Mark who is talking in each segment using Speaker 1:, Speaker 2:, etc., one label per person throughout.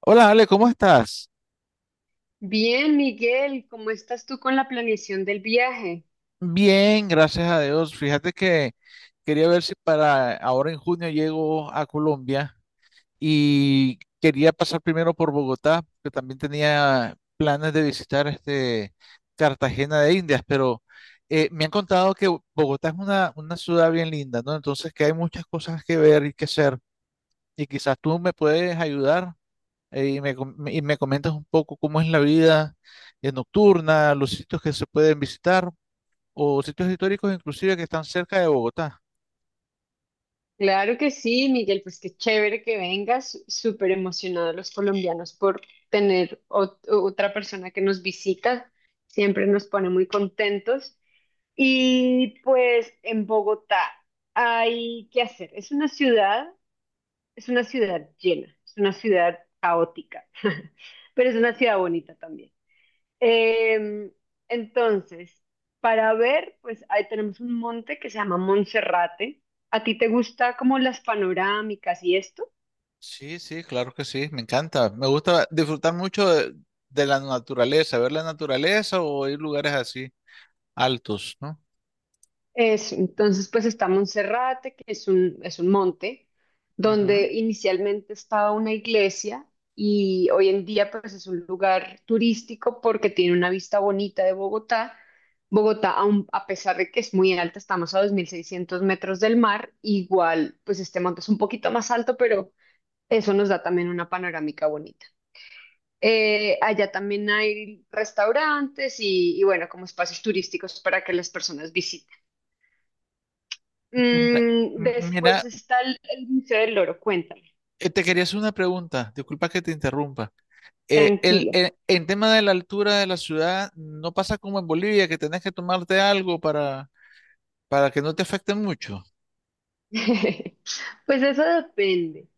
Speaker 1: Hola Ale, ¿cómo estás?
Speaker 2: Bien, Miguel, ¿cómo estás tú con la planeación del viaje?
Speaker 1: Bien, gracias a Dios. Fíjate que quería ver si para ahora en junio llego a Colombia y quería pasar primero por Bogotá, que también tenía planes de visitar este Cartagena de Indias, pero me han contado que Bogotá es una ciudad bien linda, ¿no? Entonces que hay muchas cosas que ver y que hacer y quizás tú me puedes ayudar y me comentas un poco cómo es la vida nocturna, los sitios que se pueden visitar. O sitios históricos inclusive que están cerca de Bogotá.
Speaker 2: Claro que sí, Miguel, pues qué chévere que vengas, súper emocionados los colombianos por tener otra persona que nos visita, siempre nos pone muy contentos. Y pues en Bogotá hay que hacer, es una ciudad llena, es una ciudad caótica, pero es una ciudad bonita también. Em, entonces, para ver, pues ahí tenemos un monte que se llama Monserrate. ¿A ti te gusta como las panorámicas y esto?
Speaker 1: Sí, sí, claro que sí, me encanta. Me gusta disfrutar mucho de la naturaleza, ver la naturaleza o ir lugares así altos, ¿no?
Speaker 2: Eso, entonces pues está Monserrate, que es un monte
Speaker 1: Ujú.
Speaker 2: donde inicialmente estaba una iglesia y hoy en día pues es un lugar turístico porque tiene una vista bonita de Bogotá. Bogotá, a pesar de que es muy alta, estamos a 2.600 metros del mar, igual pues este monte es un poquito más alto, pero eso nos da también una panorámica bonita. Allá también hay restaurantes y, bueno, como espacios turísticos para que las personas visiten.
Speaker 1: Mira,
Speaker 2: Mm, después
Speaker 1: mira,
Speaker 2: está el Museo del Loro, cuéntame,
Speaker 1: te quería hacer una pregunta, disculpa que te interrumpa. Eh, el-
Speaker 2: tranquilo.
Speaker 1: el- en tema de la altura de la ciudad, ¿no pasa como en Bolivia que tenés que tomarte algo para que no te afecte mucho?
Speaker 2: Pues eso depende.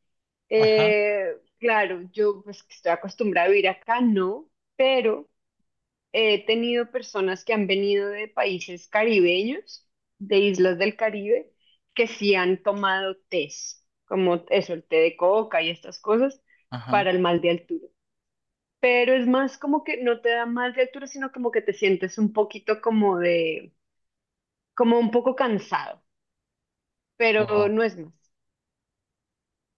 Speaker 1: Ajá,
Speaker 2: Eh, claro, yo pues que estoy acostumbrada a vivir acá, no, pero he tenido personas que han venido de países caribeños, de islas del Caribe, que sí han tomado tés, como eso, el té de coca y estas cosas, para
Speaker 1: ajá.
Speaker 2: el mal de altura. Pero es más como que no te da mal de altura, sino como que te sientes un poquito como de, como un poco cansado, pero no es más.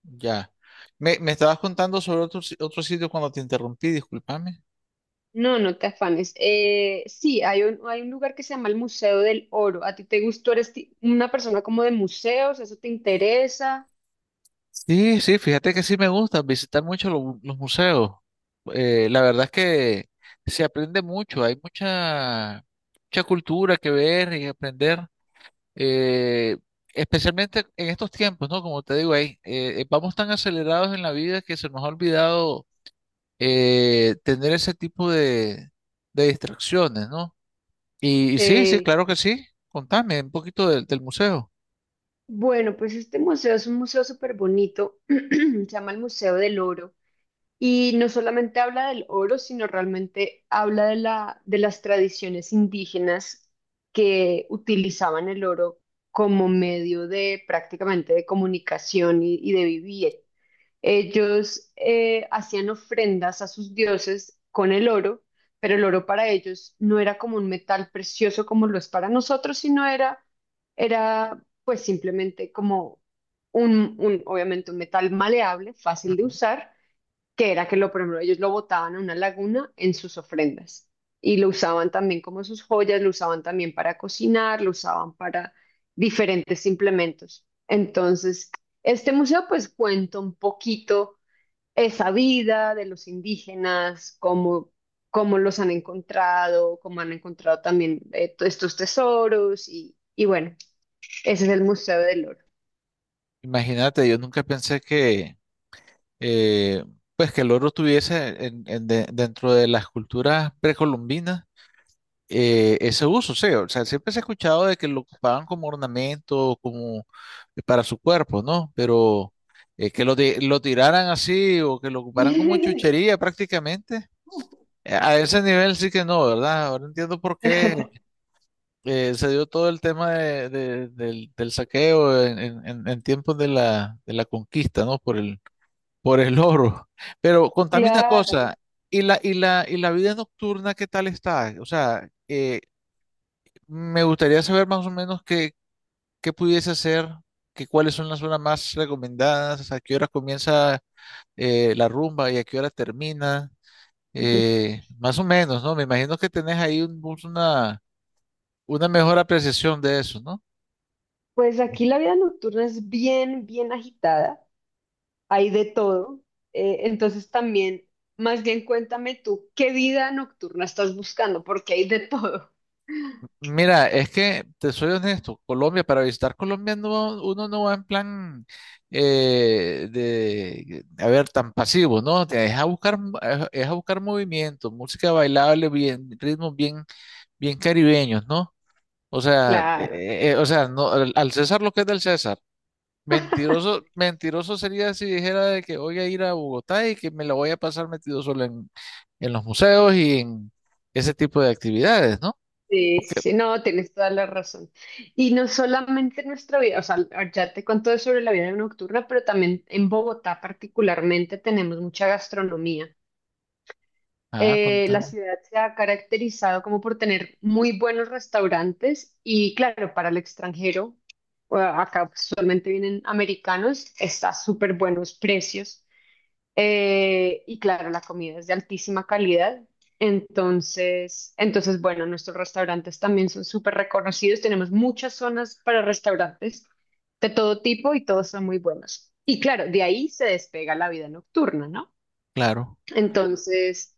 Speaker 1: Ya. Me estabas contando sobre otro, otro sitio cuando te interrumpí, discúlpame.
Speaker 2: No, no te afanes. Sí, hay un lugar que se llama el Museo del Oro. ¿A ti te gustó? ¿Eres una persona como de museos? ¿Eso te interesa?
Speaker 1: Sí, sí, fíjate que sí me gusta visitar mucho los museos. La verdad es que se aprende mucho, hay mucha cultura que ver y aprender, eh, especialmente en estos tiempos, ¿no? Como te digo, ahí, vamos tan acelerados en la vida que se nos ha olvidado tener ese tipo de distracciones, ¿no? Y sí, sí,
Speaker 2: Eh,
Speaker 1: claro que sí. Contame un poquito del museo.
Speaker 2: Bueno, pues este museo es un museo súper bonito, se llama el Museo del Oro y no solamente habla del oro, sino realmente habla de la, de las tradiciones indígenas que utilizaban el oro como medio de prácticamente de comunicación y de vivir. Ellos hacían ofrendas a sus dioses con el oro, pero el oro para ellos no era como un metal precioso como lo es para nosotros, sino era, era pues simplemente como un, obviamente un metal maleable, fácil de
Speaker 1: Ujú.
Speaker 2: usar, que era que lo, por ejemplo, ellos lo botaban a una laguna en sus ofrendas y lo usaban también como sus joyas, lo usaban también para cocinar, lo usaban para diferentes implementos. Entonces, este museo pues cuenta un poquito esa vida de los indígenas, cómo, cómo los han encontrado, cómo han encontrado también estos tesoros y bueno, ese es el Museo del Oro.
Speaker 1: Imagínate, yo nunca pensé que, eh, pues que el oro tuviese dentro de las culturas precolombinas ese uso. Sí, o sea, siempre se ha escuchado de que lo ocupaban como ornamento, como para su cuerpo, ¿no? Pero que lo tiraran así o que lo ocuparan como chuchería prácticamente, a ese nivel sí que no, ¿verdad? Ahora entiendo por qué. Se dio todo el tema del saqueo en tiempos de la conquista, ¿no? Por el oro. Pero contame una
Speaker 2: Claro.
Speaker 1: cosa, ¿y la vida nocturna qué tal está? O sea, me gustaría saber más o menos qué, pudiese hacer, cuáles son las zonas más recomendadas, a qué hora comienza la rumba y a qué hora termina. Más o menos, ¿no? Me imagino que tenés ahí una mejor apreciación de eso, ¿no?
Speaker 2: Pues aquí la vida nocturna es bien, bien agitada, hay de todo. Entonces también, más bien cuéntame tú, ¿qué vida nocturna estás buscando? Porque hay de todo.
Speaker 1: Mira, es que te soy honesto, Colombia, para visitar Colombia no, uno no va en plan de, a ver, tan pasivo, ¿no? Es a buscar, es a buscar movimiento, música bailable, bien, ritmos bien, bien caribeños, ¿no?
Speaker 2: Claro.
Speaker 1: O sea, no, al César lo que es del César. Mentiroso, mentiroso sería si dijera de que voy a ir a Bogotá y que me la voy a pasar metido solo en los museos y en ese tipo de actividades, ¿no?
Speaker 2: Sí, sí, sí, no, tienes toda la razón. Y no solamente en nuestra vida, o sea, ya te conté sobre la vida nocturna, pero también en Bogotá particularmente tenemos mucha gastronomía.
Speaker 1: Ah,
Speaker 2: La
Speaker 1: contame.
Speaker 2: ciudad se ha caracterizado como por tener muy buenos restaurantes y claro, para el extranjero, acá usualmente vienen americanos, está a súper buenos precios y claro, la comida es de altísima calidad. Entonces, entonces, bueno, nuestros restaurantes también son súper reconocidos. Tenemos muchas zonas para restaurantes de todo tipo y todos son muy buenos. Y claro, de ahí se despega la vida nocturna, ¿no?
Speaker 1: Claro,
Speaker 2: Entonces,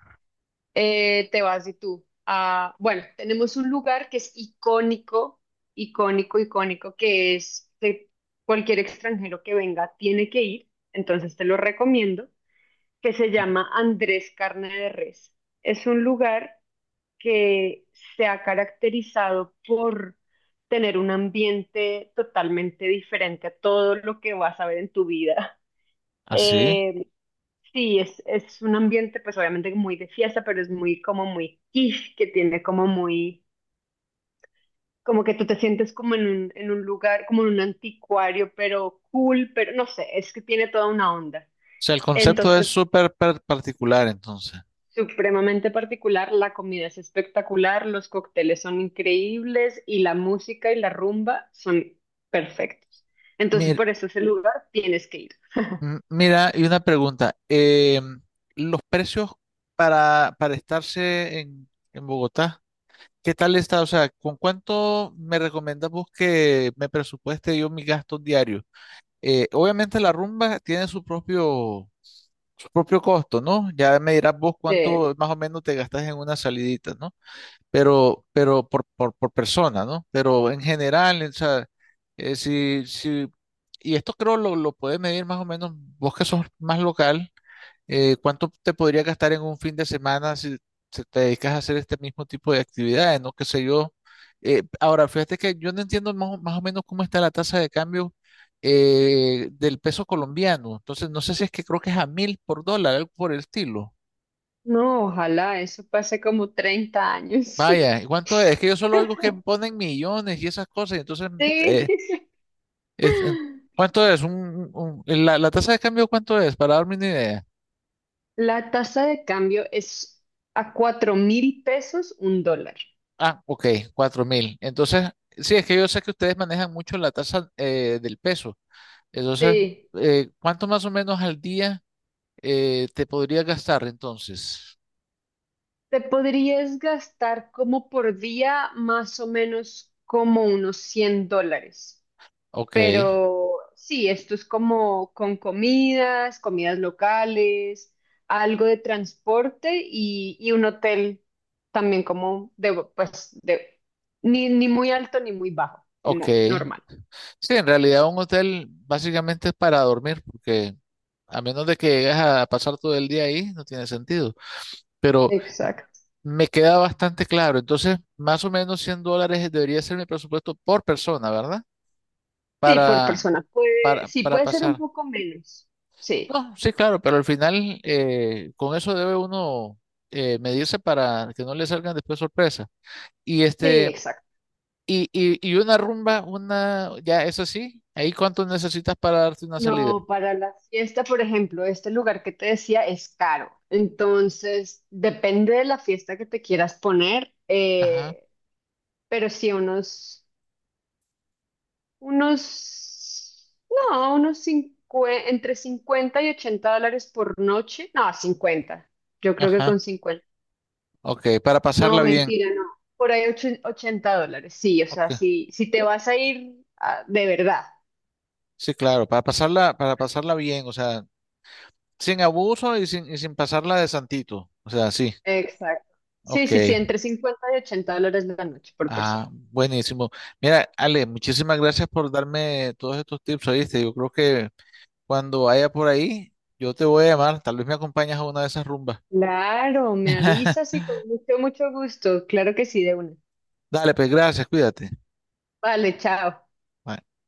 Speaker 2: te vas y tú. Bueno, tenemos un lugar que es icónico, icónico, icónico, que es que cualquier extranjero que venga tiene que ir, entonces te lo recomiendo, que se llama Andrés Carne de Res. Es un lugar que se ha caracterizado por tener un ambiente totalmente diferente a todo lo que vas a ver en tu vida.
Speaker 1: así. O
Speaker 2: Eh, Sí, es un ambiente pues obviamente muy de fiesta, pero es muy como muy kitsch, que tiene como muy, como que tú te sientes como en un lugar, como en un anticuario, pero cool, pero no sé, es que tiene toda una onda.
Speaker 1: sea, el concepto es
Speaker 2: Entonces,
Speaker 1: súper particular, entonces.
Speaker 2: supremamente particular, la comida es espectacular, los cócteles son increíbles y la música y la rumba son perfectos. Entonces,
Speaker 1: Mir-
Speaker 2: por eso ese lugar tienes que ir.
Speaker 1: Mira, y una pregunta. Los precios para, estarse en Bogotá, ¿qué tal está? O sea, ¿con cuánto me recomiendas vos que me presupueste yo mis gastos diarios? Obviamente la rumba tiene su propio costo, ¿no? Ya me dirás vos
Speaker 2: Eh,
Speaker 1: cuánto más o menos te gastas en una salidita, ¿no? Pero por persona, ¿no? Pero en general, o sea, si, si, y esto creo lo puedes medir más o menos, vos que sos más local, ¿cuánto te podría gastar en un fin de semana si te dedicas a hacer este mismo tipo de actividades, ¿no? Qué sé yo. Ahora, fíjate que yo no entiendo más, o más o menos cómo está la tasa de cambio del peso colombiano. Entonces, no sé si es que creo que es a mil por dólar, algo por el estilo.
Speaker 2: no, ojalá eso pase como 30 años.
Speaker 1: Vaya, ¿y cuánto es? Es que yo solo oigo que ponen millones y esas cosas, y
Speaker 2: Sí.
Speaker 1: eh, es- eh, ¿cuánto es? La tasa de cambio, ¿cuánto es? Para darme una idea.
Speaker 2: La tasa de cambio es a 4.000 pesos un dólar.
Speaker 1: Ah, ok, 4.000. Entonces, sí, es que yo sé que ustedes manejan mucho la tasa del peso. Entonces,
Speaker 2: Sí.
Speaker 1: ¿cuánto más o menos al día te podría gastar entonces?
Speaker 2: Te podrías gastar como por día más o menos como unos $100.
Speaker 1: Ok,
Speaker 2: Pero sí, esto es como con comidas, comidas locales, algo de transporte y un hotel también como de, pues, de, ni, ni muy alto ni muy bajo,
Speaker 1: ok.
Speaker 2: como normal.
Speaker 1: Sí, en realidad un hotel básicamente es para dormir, porque a menos de que llegues a pasar todo el día ahí, no tiene sentido. Pero me queda bastante claro. Entonces, más o menos $100 debería ser mi presupuesto por persona, ¿verdad?
Speaker 2: Sí, por
Speaker 1: Para,
Speaker 2: persona. Puede,
Speaker 1: para,
Speaker 2: sí,
Speaker 1: para
Speaker 2: puede ser un
Speaker 1: pasar.
Speaker 2: poco menos. Sí,
Speaker 1: No, sí, claro, pero al final con eso debe uno medirse para que no le salgan después sorpresas. Y
Speaker 2: sí,
Speaker 1: este,
Speaker 2: exacto.
Speaker 1: y una rumba, una, ya, eso sí, ahí cuánto necesitas para darte una salida.
Speaker 2: No, para la fiesta, por ejemplo, este lugar que te decía es caro. Entonces, depende de la fiesta que te quieras poner,
Speaker 1: Ajá,
Speaker 2: pero sí, unos, unos, no, unos entre $50 y $80 por noche. No, 50 yo creo que
Speaker 1: ajá.
Speaker 2: con 50
Speaker 1: Ok, para
Speaker 2: no,
Speaker 1: pasarla bien.
Speaker 2: mentira, no. Por ahí $80. Sí, o
Speaker 1: Ok,
Speaker 2: sea, si, si te vas a ir ah, de verdad
Speaker 1: sí, claro, para pasarla, bien, o sea, sin abuso y sin pasarla de santito. O sea, sí.
Speaker 2: exacto. Sí,
Speaker 1: Ok.
Speaker 2: sí, sí, entre $50 y $80 la noche por persona.
Speaker 1: Ah, buenísimo. Mira, Ale, muchísimas gracias por darme todos estos tips, ¿oíste? Yo creo que cuando vaya por ahí, yo te voy a llamar. Tal vez me acompañas a una de esas rumbas.
Speaker 2: Claro, me avisas y con mucho, mucho gusto. Claro que sí, de una.
Speaker 1: Dale, pues gracias, cuídate.
Speaker 2: Vale, chao.
Speaker 1: Bye.